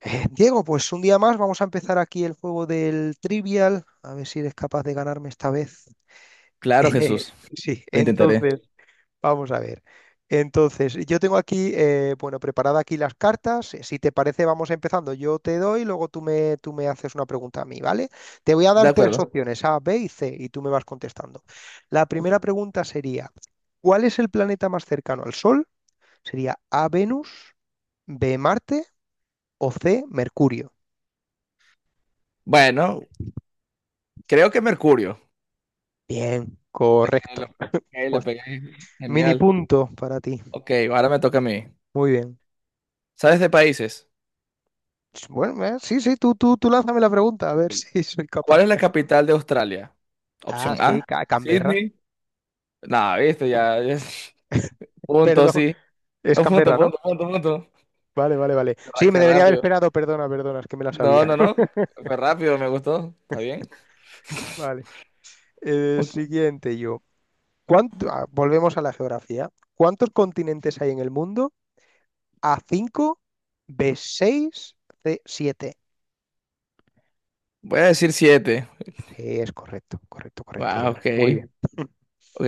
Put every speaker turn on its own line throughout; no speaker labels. Diego, pues un día más vamos a empezar aquí el juego del Trivial, a ver si eres capaz de ganarme esta vez.
Claro, Jesús,
Sí,
lo intentaré.
entonces, vamos a ver. Entonces, yo tengo aquí, bueno, preparada aquí las cartas. Si te parece, vamos empezando. Yo te doy, luego tú me haces una pregunta a mí, ¿vale? Te voy a
De
dar tres
acuerdo.
opciones, A, B y C, y tú me vas contestando. La
Ok.
primera pregunta sería, ¿cuál es el planeta más cercano al Sol? Sería A, Venus, B, Marte o C, Mercurio.
Bueno, creo que Mercurio.
Bien,
Ahí la
correcto.
ahí la
Pues,
pegué.
mini
Genial.
punto para ti.
Ok, ahora me toca a mí.
Muy bien.
¿Sabes de países?
Bueno, sí, sí, tú lánzame la pregunta, a ver
Ok.
si soy capaz.
¿Cuál es la capital de Australia?
Ah,
Opción
sí,
A,
Canberra.
Sydney. No, viste, ya, ya. Punto,
Perdón,
sí.
es
No, Punto,
Canberra, ¿no?
punto, punto, punto.
Vale, vale, vale.
Qué
Sí, me
qué
debería haber
rápido.
esperado, perdona, perdona, es que me la
No,
sabía.
no, no. Fue rápido, me gustó. ¿Está bien?
Vale.
Ok.
Siguiente yo. Volvemos a la geografía. ¿Cuántos continentes hay en el mundo? A, cinco, B, seis, C, siete.
Voy a decir 7.
Sí, es correcto, correcto, correcto,
Wow, ok.
Diego. Muy bien.
Ok.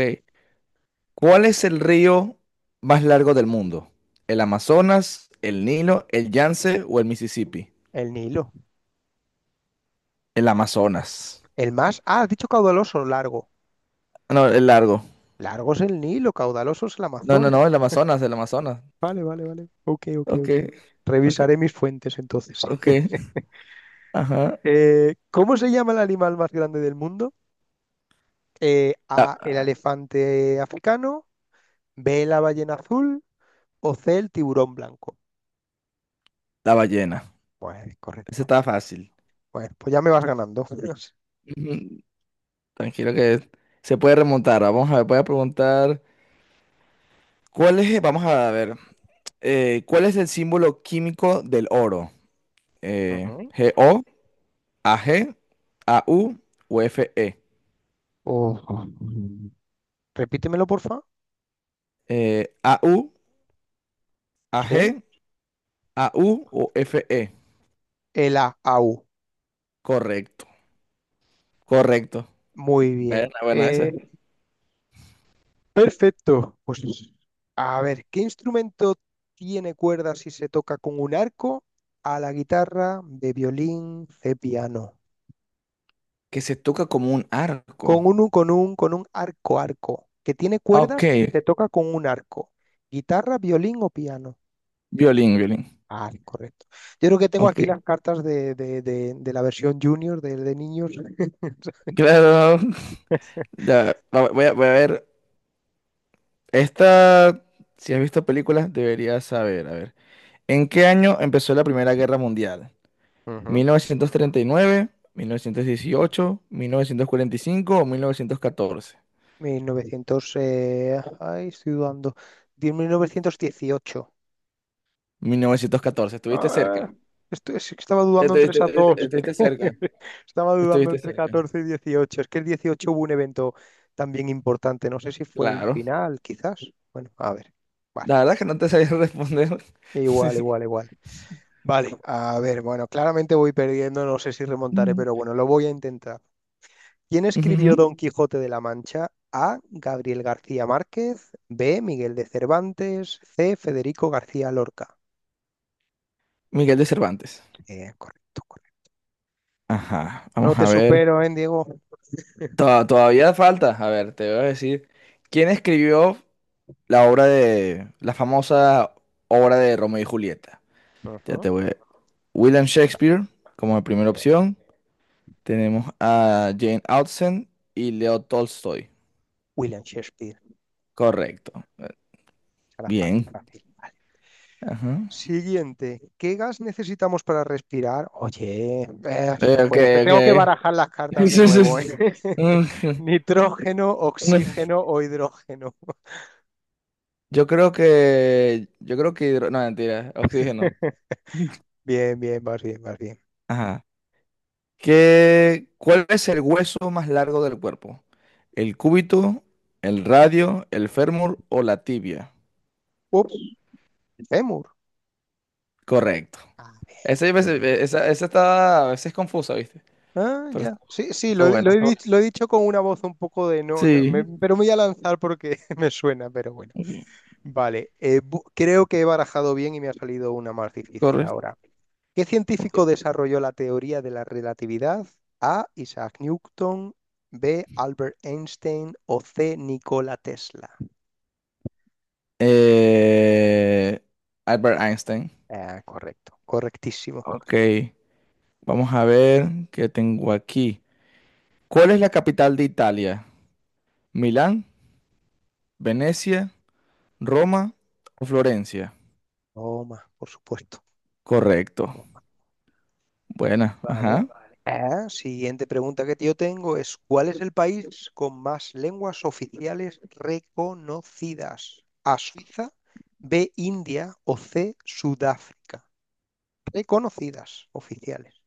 ¿Cuál es el río más largo del mundo? ¿El Amazonas, el Nilo, el Yance o el Mississippi?
El Nilo.
El Amazonas.
El más. Ah, has dicho caudaloso, largo.
No, el largo.
Largo es el Nilo, caudaloso es el
No, no, no,
Amazonas.
el Amazonas, el Amazonas.
Vale, vale, vale. Ok, ok,
Ok,
ok.
ok,
Revisaré mis fuentes entonces.
ok. Ajá.
¿Cómo se llama el animal más grande del mundo?
La,
A, el elefante africano, B, la ballena azul o C, el tiburón blanco.
la ballena.
Pues
Ese
correcto.
está fácil.
Pues ya me vas ganando.
Ujú. Tranquilo que se puede remontar. Vamos a ver, voy a preguntar. ¿Cuál es, vamos a ver, ¿cuál es el símbolo químico del oro? Eh,
Ujú.
¿GO, AG, U o FE?
Oh. Repítemelo, porfa.
AU,
Sí.
AG, AU o FE.
El A, au.
Correcto, correcto.
Muy
Bueno,
bien.
bueno, ese.
Perfecto. Pues a ver, ¿qué instrumento tiene cuerdas si se toca con un arco? A, la guitarra, de violín, de piano.
¿Que se toca como un arco?
Con un arco. Que tiene
Ok,
cuerdas y se toca con un arco. Guitarra, violín o piano.
violín, violín.
Ah, correcto. Yo creo que tengo aquí
Ok.
las cartas de la versión junior de niños.
Claro. Ya, voy a, voy a ver. Esta, si has visto películas, deberías saber. A ver. ¿En qué año empezó la Primera Guerra Mundial?
Ujú.
¿1939, 1918, 1945 o 1914?
1900, ay, estoy dudando. 1918.
1914. ¿Estuviste
Ah,
cerca?
estaba dudando entre esas
Estuviste-
dos.
estuviste cerca.
Estaba dudando
Estuviste
entre
cerca.
14 y 18. Es que el 18 hubo un evento también importante. No sé si fue el
Claro.
final, quizás. Bueno, a ver. Vale.
La verdad es que no te sabía responder. Sí,
Igual,
sí.
igual, igual. Vale, a ver, bueno, claramente voy perdiendo, no sé si remontaré,
Mm.
pero bueno, lo voy a intentar. ¿Quién escribió
Ujú.
Don Quijote de la Mancha? A, Gabriel García Márquez. B, Miguel de Cervantes. C, Federico García Lorca.
Miguel de Cervantes.
Correcto, correcto.
Ajá.
No
Vamos
te
a ver.
supero, ¿eh, Diego?
Todavía falta. A ver, te voy a decir. ¿Quién escribió la obra de la famosa obra de Romeo y Julieta? Ya
Ajá.
te voy a William Shakespeare como primera
Bien.
opción. Tenemos a Jane Austen y Leo Tolstoy.
William Shakespeare, claro,
Correcto.
será fácil,
Bien.
fácil. Vale.
Ajá.
Siguiente, ¿qué gas necesitamos para respirar? Oye, no
Ok,
puede ser, tengo que
ok.
barajar las cartas de
Sí, sí,
nuevo, ¿eh?
sí.
Nitrógeno,
Bueno,
oxígeno o hidrógeno.
yo creo que, hidro- no, mentira, oxígeno.
Bien, bien, vas bien, vas bien.
Ajá. ¿Cuál es el hueso más largo del cuerpo? ¿El cúbito, el radio, el fémur o la tibia?
Ups, fémur.
Correcto.
Ah,
Esa,
bien, bien.
esa, esa está a veces confusa, ¿viste?
Ah,
Pero
ya. Sí, sí,
estuvo
he
buena, estuvo buena.
lo he dicho con una voz un poco de no, no,
Sí,
pero me voy a lanzar porque me suena, pero bueno.
ok.
Vale, creo que he barajado bien y me ha salido una más difícil
Correcto.
ahora. ¿Qué
Ok.
científico desarrolló la teoría de la relatividad? A, Isaac Newton, B, Albert Einstein o C, Nikola Tesla.
Eh, Albert Einstein.
Ah, correcto, correctísimo.
Ok. Vamos a ver qué tengo aquí. ¿Cuál es la capital de Italia? ¿Milán, Venecia, Roma o Florencia?
Toma, por supuesto.
Correcto. Buena,
Vale.
ajá.
Ah, siguiente pregunta que yo tengo es, ¿cuál es el país con más lenguas oficiales reconocidas? A, Suiza, B, India o C, Sudáfrica. Reconocidas, oficiales.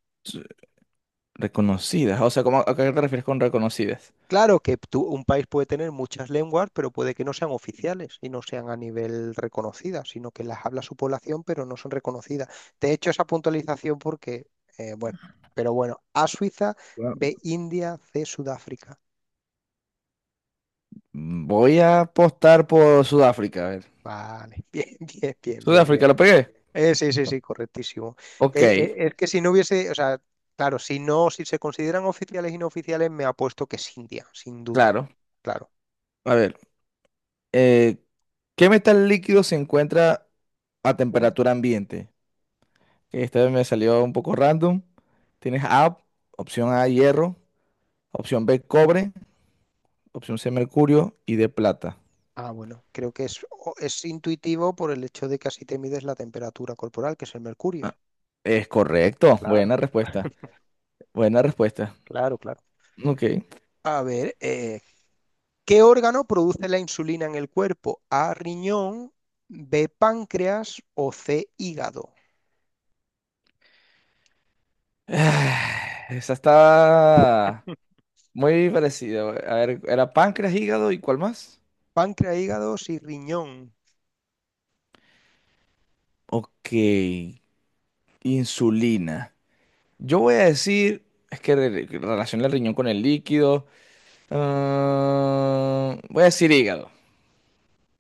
Reconocidas. O sea, ¿a qué te refieres con reconocidas?
Claro que tú... un país puede tener muchas lenguas, pero puede que no sean oficiales y no sean a nivel reconocidas, sino que las habla su población, pero no son reconocidas. Te he hecho esa puntualización porque, bueno, pero bueno, A, Suiza,
Bueno,
B, India, C, Sudáfrica.
mm, voy a apostar por Sudáfrica. A ver.
Vale, bien, bien, bien, bien,
Sudáfrica,
bien.
¿lo pegué?
Sí, sí, sí, correctísimo.
Ok,
Eh, es que si no hubiese, o sea, claro, si no, si se consideran oficiales y no oficiales, me apuesto que es India, sin duda.
claro.
Claro.
A ver, eh, ¿qué metal líquido se encuentra a temperatura ambiente? Esta vez me salió un poco random. Tienes A, opción A, hierro, opción B, cobre, opción C, mercurio y D, plata.
Ah, bueno, creo que es intuitivo por el hecho de que así te mides la temperatura corporal, que es el mercurio.
Es correcto,
Claro.
buena respuesta, buena respuesta.
Claro, claro.
Ok.
A ver, ¿qué órgano produce la insulina en el cuerpo? A, riñón, B, páncreas o C, hígado.
Ah, esa está muy parecida. A ver, era páncreas, hígado y ¿cuál más?
Páncreas, hígado, sí, riñón.
Ok, insulina. Yo voy a decir, es que relaciona el riñón con el líquido. Ah, voy a decir hígado.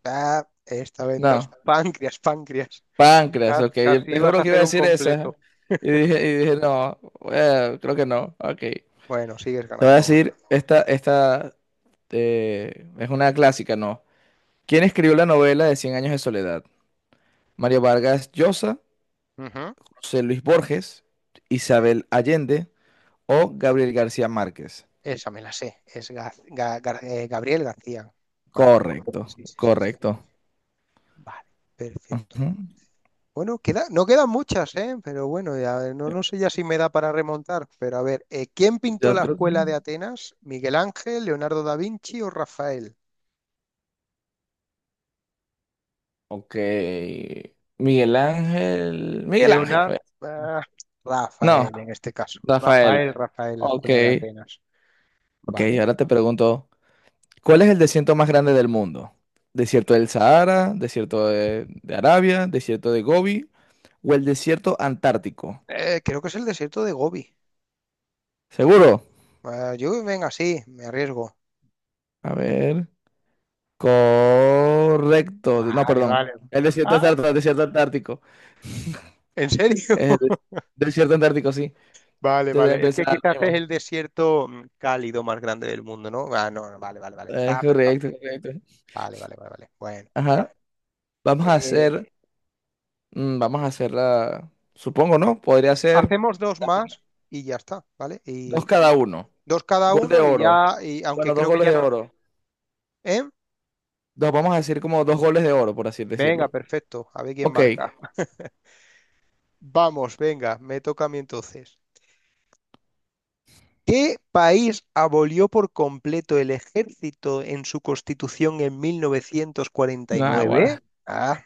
Ah, esta vez no.
No,
Páncreas, páncreas.
páncreas, ok. Yo
Casi,
te
ibas
juro
a
que iba a
hacer un
decir esa.
completo.
Y dije no, bueno, creo que no, ok.
Bueno, sigues
Te voy a
ganando algo así.
decir, esta es una clásica, ¿no? ¿Quién escribió la novela de Cien años de soledad? ¿Mario Vargas Llosa,
Ujú.
José Luis Borges, Isabel Allende o Gabriel García Márquez?
Esa me la sé. Es Gabriel García Márquez.
Correcto,
Sí, sí, sí, sí.
correcto.
Vale, perfecto.
Ujú.
Bueno, queda, no quedan muchas, ¿eh? Pero bueno, ya, no, no sé ya si me da para remontar. Pero a ver, ¿quién pintó
Yo
la
creo.
escuela de Atenas? ¿Miguel Ángel, Leonardo da Vinci o Rafael?
Ok. Miguel Ángel. Miguel Ángel
Leonardo.
fue. No,
Rafael, en este caso.
Rafael.
Rafael, Rafael, la escuela de
Ok.
Atenas.
Ok,
Vale.
ahora te pregunto, ¿cuál es el desierto más grande del mundo? ¿Desierto del Sahara, desierto de Arabia, desierto de Gobi o el desierto antártico?
Creo que es el desierto de Gobi.
¿Seguro?
Ah, yo, venga, sí, me arriesgo.
A ver. Correcto. No,
Vale,
perdón.
vale.
El desierto
Ah,
antártico, el desierto antártico.
¿en serio?
Es el desierto antártico, sí.
Vale,
Debe
vale. Es que
empezar lo
quizás es
mismo.
el desierto cálido más grande del mundo, ¿no? Ah, no, no, vale, vale, vale. Estaba pensando.
Correcto, correcto.
Vale, vale, vale, vale. Bueno.
Ajá. Vamos a
Eh,
hacer, mm, vamos a hacer la, supongo, ¿no? Podría ser
hacemos dos
la final.
más y ya está, ¿vale?
Dos cada
Y
uno.
dos cada
Gol de
uno y
oro.
ya, y aunque
Bueno, dos
creo que
goles
ya
de
no.
oro.
¿Eh?
Dos, vamos a decir como dos goles de oro, por así
Venga,
decirlo.
perfecto. A ver quién
Ok,
marca. Vamos, venga, me toca a mí entonces. ¿Qué país abolió por completo el ejército en su constitución en
nada,
1949?
guara.
Ah,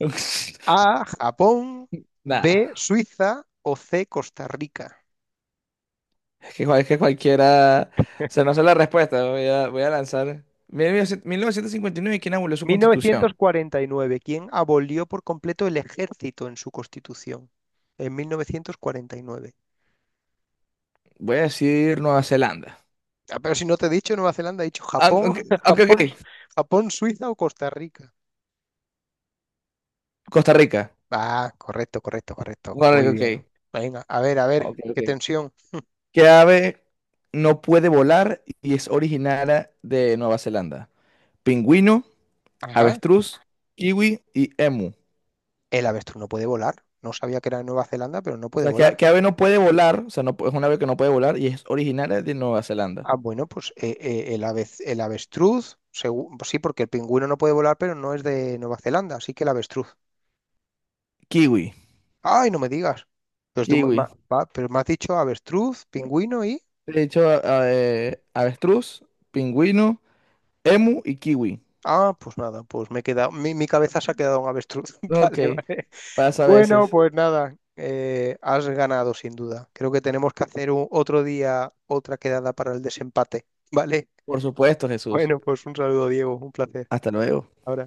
A, Japón,
Nada,
B, Suiza o C, Costa Rica.
es que cualquiera. O sea, no sé la respuesta, voy a, voy a lanzar. 1959, ¿quién abolió su constitución?
1949. ¿Quién abolió por completo el ejército en su constitución? En 1949.
Voy a decir Nueva Zelanda.
Ah, pero si no te he dicho Nueva Zelanda, he dicho
Ah,
Japón,
ok, ok,
Japón,
ok.
Japón, Suiza o Costa Rica.
Costa Rica.
Ah, correcto, correcto, correcto.
Costa
Muy
Rica,
bien.
ok.
Venga, a
Ok,
ver,
ok.
qué tensión.
¿Qué ave no puede volar y es originaria de Nueva Zelanda? Pingüino,
Ajá.
avestruz, kiwi y emu.
El avestruz no puede volar. No sabía que era de Nueva Zelanda, pero no
O
puede
sea,
volar.
¿qué ave no puede volar? O sea, no, es una ave que no puede volar y es originaria de Nueva Zelanda.
Ah, bueno, pues el el avestruz, sí, porque el pingüino no puede volar, pero no es de Nueva Zelanda, así que el avestruz.
Kiwi.
Ay, no me digas. Pero, tú,
Kiwi.
va, pero me has dicho avestruz, pingüino y...
De hecho, avestruz, pingüino, emu y kiwi.
Ah, pues nada, pues me he quedado, mi cabeza se ha quedado en avestruz.
Ok,
Vale, vale.
pasa a
Bueno,
veces.
pues nada, has ganado sin duda. Creo que tenemos que hacer otro día otra quedada para el desempate. Vale.
Por supuesto, Jesús.
Bueno, pues un saludo, Diego, un placer.
Hasta luego.
Ahora.